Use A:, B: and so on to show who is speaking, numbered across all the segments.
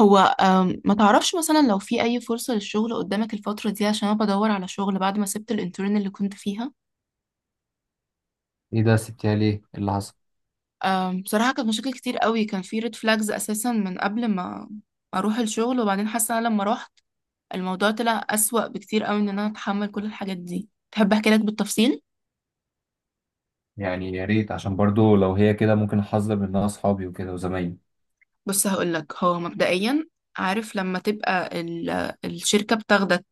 A: هو ما تعرفش مثلا لو في أي فرصة للشغل قدامك الفترة دي، عشان أنا بدور على شغل بعد ما سبت الانترن اللي كنت فيها.
B: ايه ده سبتيها ليه؟ إيه اللي حصل؟
A: بصراحة كانت مشاكل كتير قوي، كان في ريد فلاجز أساسا من قبل ما أروح الشغل. وبعدين حاسة أنا لما رحت الموضوع طلع أسوأ بكتير قوي إن أنا أتحمل كل الحاجات دي. تحب أحكي لك بالتفصيل؟
B: يعني يا ريت، عشان برضو لو هي كده ممكن احذر منها اصحابي وكده وزمايلي.
A: بص هقولك، هو مبدئيا عارف لما تبقى الشركة بتاخدك،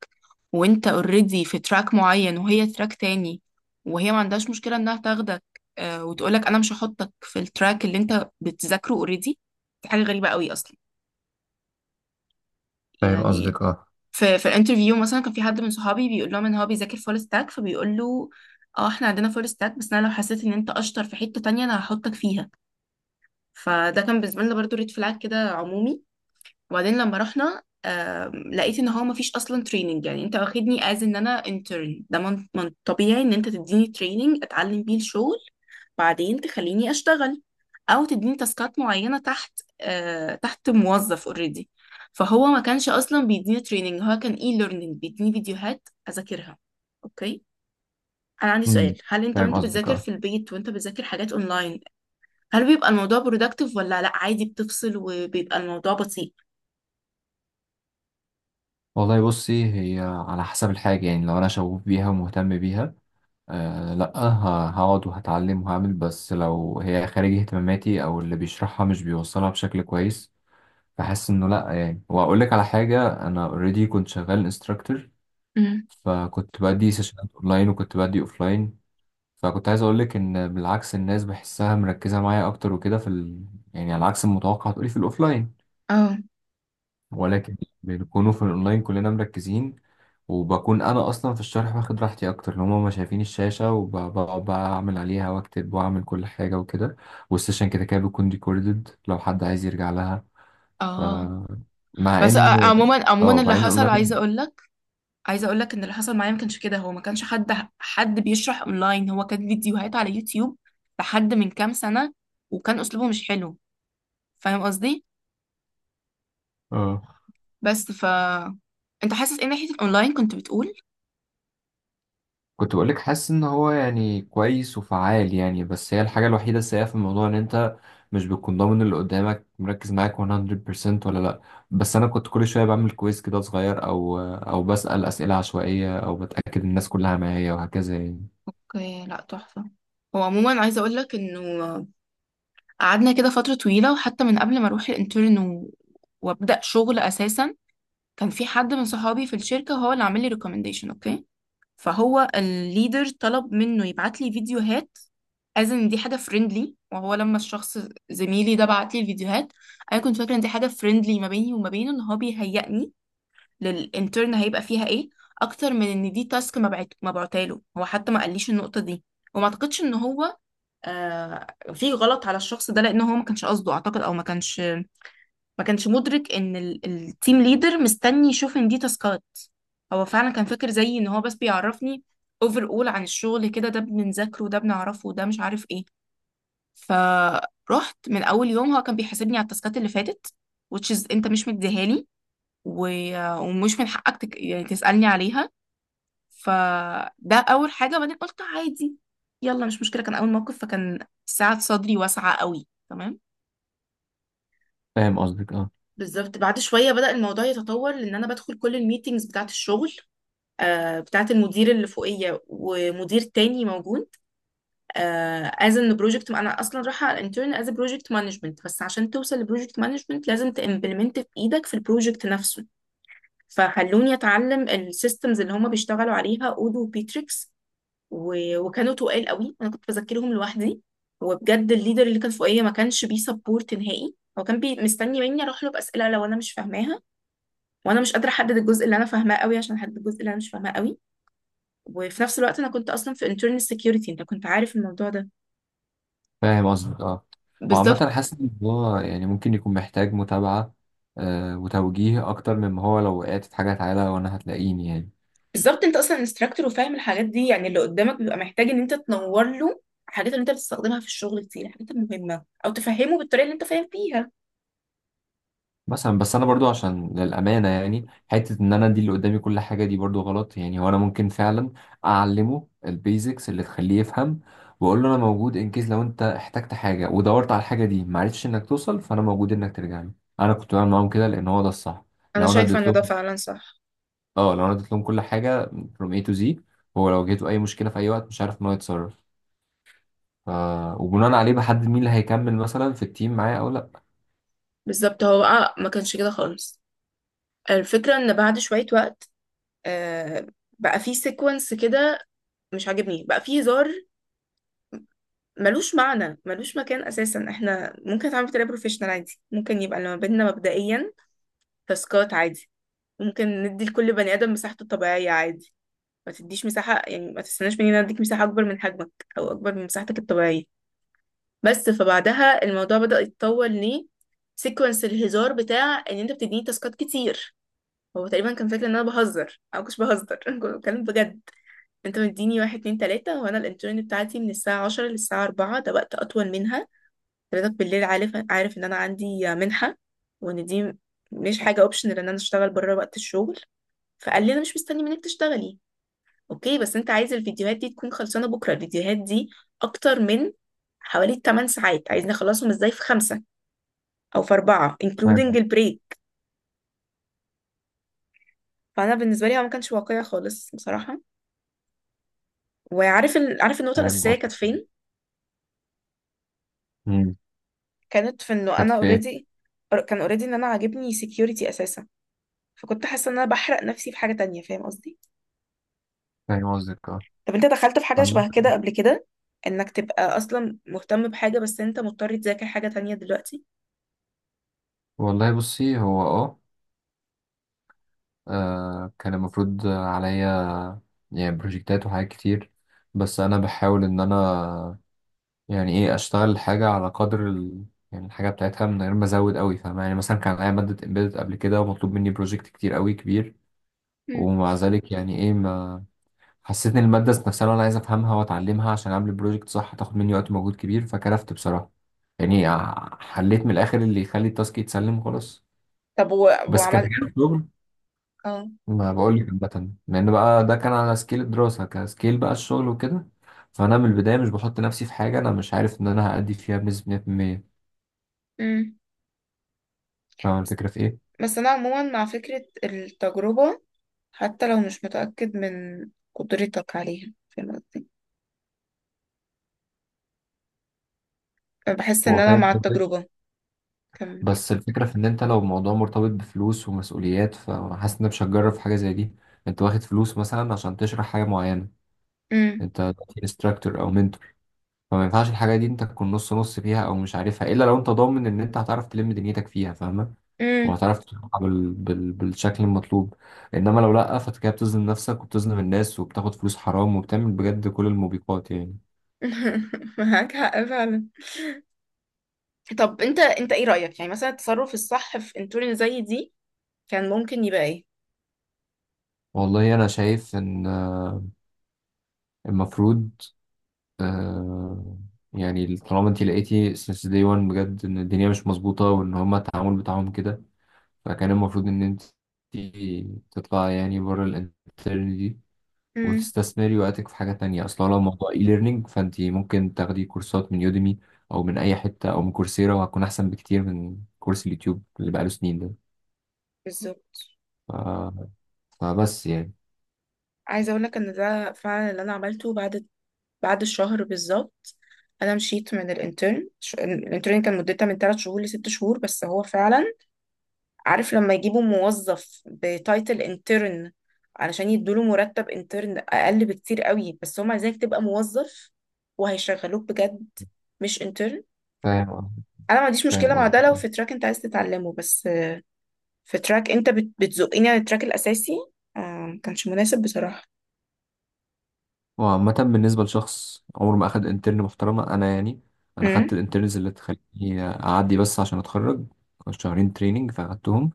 A: وانت اوريدي في تراك معين وهي تراك تاني، وهي ما عندهاش مشكلة انها تاخدك. آه، وتقولك انا مش هحطك في التراك اللي انت بتذاكره اوريدي. دي حاجة غريبة قوي اصلا.
B: فاهم
A: يعني
B: قصدك، اه.
A: في الانترفيو مثلا، كان في حد من صحابي بيقول لهم ان هو بيذاكر فول ستاك، فبيقول له اه احنا عندنا فول ستاك، بس انا لو حسيت ان انت اشطر في حتة تانية انا هحطك فيها. فده كان بالنسبة لنا برضو ريد فلاج كده عمومي. وبعدين لما رحنا لقيت ان هو مفيش اصلا تريننج. يعني انت واخدني از ان انا انترن، ده من طبيعي ان انت تديني تريننج اتعلم بيه الشغل، بعدين تخليني اشتغل، او تديني تاسكات معينه تحت موظف اوريدي. فهو ما كانش اصلا بيديني تريننج، هو كان اي ليرنينج بيديني فيديوهات اذاكرها. اوكي، انا عندي
B: امم.
A: سؤال. هل انت
B: فاهم
A: وانت
B: قصدك،
A: بتذاكر
B: اه.
A: في البيت وانت بتذاكر حاجات اونلاين، هل بيبقى الموضوع برودكتيف ولا لا عادي بتفصل وبيبقى الموضوع بطيء؟
B: والله بصي، هي على حسب الحاجة. يعني لو أنا شغوف بيها ومهتم بيها، لأ، هقعد وهتعلم وهعمل. بس لو هي خارج اهتماماتي أو اللي بيشرحها مش بيوصلها بشكل كويس، بحس إنه لأ. يعني وأقول لك على حاجة، أنا أوريدي كنت شغال انستراكتور،
A: امم،
B: فكنت بدي سيشنات أونلاين وكنت بدي أوفلاين، فكنت عايز اقول لك ان بالعكس الناس بحسها مركزه معايا اكتر وكده في ال... يعني على عكس المتوقع هتقولي في الاوفلاين،
A: اه،
B: ولكن بنكونوا في الاونلاين كلنا مركزين، وبكون انا اصلا في الشرح واخد راحتي اكتر ان هما ما شايفين الشاشه، وبقعد بقى اعمل عليها واكتب واعمل كل حاجه وكده. والسيشن كده كده بيكون ريكوردد لو حد عايز يرجع لها. ف...
A: اه.
B: مع
A: بس آه،
B: ان،
A: عموما
B: اه، مع
A: اللي
B: ان
A: حصل عايزه
B: الاونلاين،
A: اقول لك، عايزه اقول لك ان اللي حصل معايا ما كانش كده. هو ما كانش حد بيشرح اونلاين، هو كان فيديوهات على يوتيوب لحد من كام سنه، وكان اسلوبه مش حلو. فاهم قصدي؟
B: اه،
A: بس انت حاسس ايه ناحيه الاونلاين كنت بتقول؟
B: كنت بقولك حاسس ان هو يعني كويس وفعال يعني. بس هي الحاجة الوحيدة السيئة في الموضوع ان انت مش بتكون ضامن اللي قدامك مركز معاك 100% ولا لا. بس انا كنت كل شوية بعمل كويس كده صغير او بسأل اسئلة عشوائية او بتأكد الناس كلها معايا وهكذا يعني.
A: اوكي، لا تحفه. هو عموما عايزه اقول لك انه قعدنا كده فتره طويله، وحتى من قبل ما اروح الانترن وابدا شغل اساسا، كان في حد من صحابي في الشركه هو اللي عامل لي ريكومنديشن. اوكي، فهو الليدر طلب منه يبعت لي فيديوهات از ان دي حاجه فريندلي. وهو لما الشخص، زميلي ده، بعت لي الفيديوهات، انا كنت فاكره ان دي حاجه فريندلي ما بيني وما بينه، ان هو بيهيئني للانترن، هيبقى فيها ايه، اكتر من ان دي تاسك. ما بعتاله. هو حتى ما قاليش النقطه دي. وما اعتقدش ان هو، آه في غلط على الشخص ده، لان هو ما كانش قصده اعتقد، او ما كانش مدرك ان التيم ليدر مستني يشوف ان دي تاسكات. هو فعلا كان فاكر زيي ان هو بس بيعرفني اوفر اول عن الشغل، كده ده بنذاكره، ده بنعرفه، ده مش عارف ايه. فرحت من اول يوم هو كان بيحاسبني على التاسكات اللي فاتت، which is انت مش مديها لي، و... ومش من حقك يعني تسألني عليها. فده اول حاجة. بعدين قلت عادي، يلا مش مشكلة، كان اول موقف، فكان ساعة صدري واسعة قوي تمام.
B: فاهم قصدك، اه.
A: بالظبط، بعد شويه بدأ الموضوع يتطور، لان انا بدخل كل الميتينجز بتاعه الشغل، بتاعه المدير اللي فوقيه ومدير تاني موجود، از ان بروجكت. انا اصلا رايحه على انترن از بروجكت مانجمنت، بس عشان توصل لبروجكت مانجمنت لازم تمبلمنت في ايدك في البروجكت نفسه. فخلوني اتعلم السيستمز اللي هم بيشتغلوا عليها، اودو وبيتريكس، و- وكانوا تقال قوي، انا كنت بذاكرهم لوحدي. وبجد الليدر اللي كان فوقيه ما كانش بيسبورت نهائي، هو كان بي مستني مني اروح له باسئله لو انا مش فاهماها، وانا مش قادره احدد الجزء اللي انا فاهماه قوي عشان احدد الجزء اللي انا مش فاهماه قوي. وفي نفس الوقت انا كنت اصلا في internal security، انت كنت عارف الموضوع ده.
B: فاهم قصدك، اه.
A: بالظبط.
B: وعامة حاسس ان هو يعني ممكن يكون محتاج متابعة وتوجيه اكتر مما هو. لو وقعت في حاجة تعالى وانا هتلاقيني يعني.
A: بالظبط، انت اصلا انستراكتور وفاهم الحاجات دي، يعني اللي قدامك بيبقى محتاج ان انت تنور له الحاجات اللي انت بتستخدمها في الشغل، كتير الحاجات المهمه، او تفهمه بالطريقه اللي انت فاهم فيها.
B: مثلا بس انا برضو، عشان للامانه يعني، حته ان انا ادي اللي قدامي كل حاجه دي برضو غلط يعني. هو انا ممكن فعلا اعلمه البيزكس اللي تخليه يفهم، واقول له انا موجود ان كيس لو انت احتجت حاجه ودورت على الحاجه دي ما عرفتش انك توصل، فانا موجود انك ترجع لي. انا كنت بعمل معاهم كده لان هو ده الصح.
A: انا
B: لو انا
A: شايفه
B: اديت
A: ان ده
B: لهم،
A: فعلا صح.
B: اه، لو انا اديت لهم كل حاجه from A to Z، هو لو جيته اي مشكله في اي وقت مش عارف ان هو يتصرف. ف... وبناء عليه بحدد مين اللي هيكمل مثلا في التيم معايا او لا.
A: بالظبط، هو بقى ما كانش كده خالص. الفكره ان بعد شويه وقت، آه بقى في سيكونس كده مش عاجبني، بقى في هزار ملوش معنى ملوش مكان اساسا. احنا ممكن نتعامل بطريقه بروفيشنال عادي، ممكن يبقى اللي ما بيننا مبدئيا تاسكات عادي، ممكن ندي لكل بني ادم مساحته الطبيعيه عادي، ما تديش مساحه. يعني ما تستناش مني ان أنا اديك مساحه اكبر من حجمك، او اكبر من مساحتك الطبيعيه. بس فبعدها الموضوع بدأ يتطور ليه، سيكونس الهزار بتاع ان انت بتديني تاسكات كتير. هو تقريبا كان فاكر ان انا بهزر، او مش بهزر. كنت بتكلم بجد. انت مديني واحد اتنين تلاته، وانا الانترن بتاعتي من الساعه 10 للساعه 4، ده وقت اطول منها. حضرتك بالليل، عارف ان انا عندي منحة، وان دي مش حاجة اوبشنال ان انا اشتغل بره وقت الشغل. فقال لي انا مش مستني منك تشتغلي. اوكي، بس انت عايز الفيديوهات دي تكون خلصانة بكرة. الفيديوهات دي اكتر من حوالي 8 ساعات، عايزني اخلصهم ازاي في خمسة، او في اربعة including
B: فاهم،
A: البريك؟ فانا بالنسبة لي هو ما كانش واقعي خالص بصراحة. وعارف عارف النقطة
B: فاهم
A: الأساسية
B: قصدي.
A: كانت فين؟
B: مم.
A: كانت في انه
B: كانت
A: انا
B: في ايه؟
A: اوريدي، كان اوريدي ان انا عاجبني security اساسا، فكنت حاسة ان انا بحرق نفسي في حاجة تانية. فاهم قصدي؟
B: فاهم قصدك، اه.
A: طب انت دخلت في حاجة
B: عم-
A: شبه كده قبل كده؟ انك تبقى اصلا مهتم بحاجة بس انت مضطر تذاكر حاجة تانية دلوقتي؟
B: والله بصي، هو اه، كان المفروض عليا يعني بروجكتات وحاجات كتير، بس انا بحاول ان انا يعني ايه اشتغل حاجه على قدر ال... يعني الحاجه بتاعتها من غير ما ازود قوي. فاهم يعني؟ مثلا كان عليا ماده امبيدد قبل كده ومطلوب مني بروجكت كتير قوي كبير،
A: مم.
B: ومع ذلك يعني ايه، ما حسيت ان الماده ذات نفسها انا عايز افهمها واتعلمها عشان اعمل بروجكت صح، هتاخد مني وقت ومجهود كبير، فكرفت بصراحه. يعني حليت من الاخر اللي يخلي التاسك يتسلم خلاص.
A: طب
B: بس كان،
A: وعملت؟ اه.
B: ما بقول لك عامة، لأن بقى ده كان على سكيل الدراسة، كسكيل بقى الشغل وكده. فأنا من البداية مش بحط نفسي في حاجة أنا مش عارف إن أنا هأدي فيها بنسبة 100%.
A: مم.
B: فاهم الفكرة في إيه؟
A: بس انا عموما مع فكرة التجربة، حتى لو مش متأكد من قدرتك عليها. فاهم قصدي؟ بحس ان
B: هو
A: انا
B: فاهم
A: مع
B: قصدك.
A: التجربة. كم؟
B: بس الفكرة في إن أنت لو الموضوع مرتبط بفلوس ومسؤوليات، فحاسس إن أنا مش هتجرب في حاجة زي دي. أنت واخد فلوس مثلا عشان تشرح حاجة معينة،
A: مم.
B: أنت انستراكتور أو منتور، فما ينفعش الحاجة دي أنت تكون نص نص فيها أو مش عارفها، إلا لو أنت ضامن إن أنت هتعرف تلم دنيتك فيها. فاهمة؟
A: مم.
B: وهتعرف تطلع بال... بال... بالشكل المطلوب. انما لو لا، فانت كده بتظلم نفسك وبتظلم الناس وبتاخد فلوس حرام وبتعمل بجد كل الموبقات يعني.
A: معاك حق فعلا. طب انت ايه رأيك، يعني مثلا التصرف الصح في انتورن زي دي كان ممكن يبقى ايه؟
B: والله انا شايف ان المفروض، آه يعني طالما انت لقيتي since day one بجد ان الدنيا مش مظبوطة وان هما التعامل بتاعهم كده، فكان المفروض ان انت تطلع يعني بره الانترنت دي،
A: مم.
B: وتستثمري وقتك في حاجة تانية. أصلا لو موضوع اي ليرنينج، فأنت ممكن تاخدي كورسات من يوديمي أو من أي حتة أو من كورسيرا، وهتكون أحسن بكتير من كورس اليوتيوب اللي بقاله سنين ده.
A: بالظبط.
B: ف... فبس يعني.
A: عايزة أقولك إن ده فعلا اللي أنا عملته بعد، بعد الشهر بالظبط. أنا مشيت من الانترن. الانترن كان مدتها من 3 شهور لست شهور. بس هو فعلا عارف لما يجيبوا موظف بتايتل انترن علشان يدوله مرتب انترن أقل بكتير قوي، بس هم عايزينك تبقى موظف وهيشغلوك بجد، مش انترن.
B: فاهم.
A: أنا ما عنديش مشكلة
B: فاهم
A: مع ده
B: قصدك،
A: لو
B: اه.
A: في تراك أنت عايز تتعلمه، بس في تراك أنت بتزقني على التراك الأساسي. ما كانش مناسب بصراحة.
B: وعامة بالنسبة لشخص عمره ما أخد انترن محترمة، أنا يعني، أنا خدت الانترنز اللي تخليني أعدي بس عشان أتخرج، 2 شهرين تريننج فأخدتهم،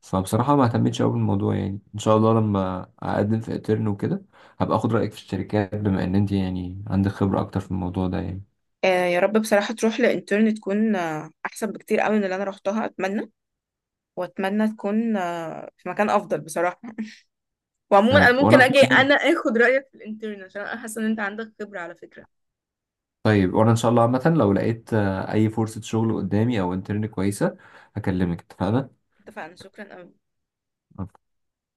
B: فبصراحة ما اهتمتش قوي بالموضوع. يعني ان شاء الله لما اقدم في اترن وكده، هبقى اخد رأيك في الشركات، بما ان انت يعني عندك خبرة اكتر في الموضوع ده يعني.
A: آه يا رب بصراحة تروح لإنترن تكون أحسن بكتير قوي من اللي أنا روحتها، أتمنى. وأتمنى تكون في مكان أفضل بصراحة.
B: يا
A: وعموما أنا
B: رب، وانا
A: ممكن
B: ان
A: أجي
B: شاء الله.
A: أنا آخد رأيك في الإنترن، عشان أنا حاسة إن أنت عندك خبرة على فكرة.
B: طيب وانا ان شاء الله عامة لو لقيت، اي فرصة شغل قدامي او انترن كويسة، هكلمك. اتفقنا؟
A: اتفقنا، شكرا قوي.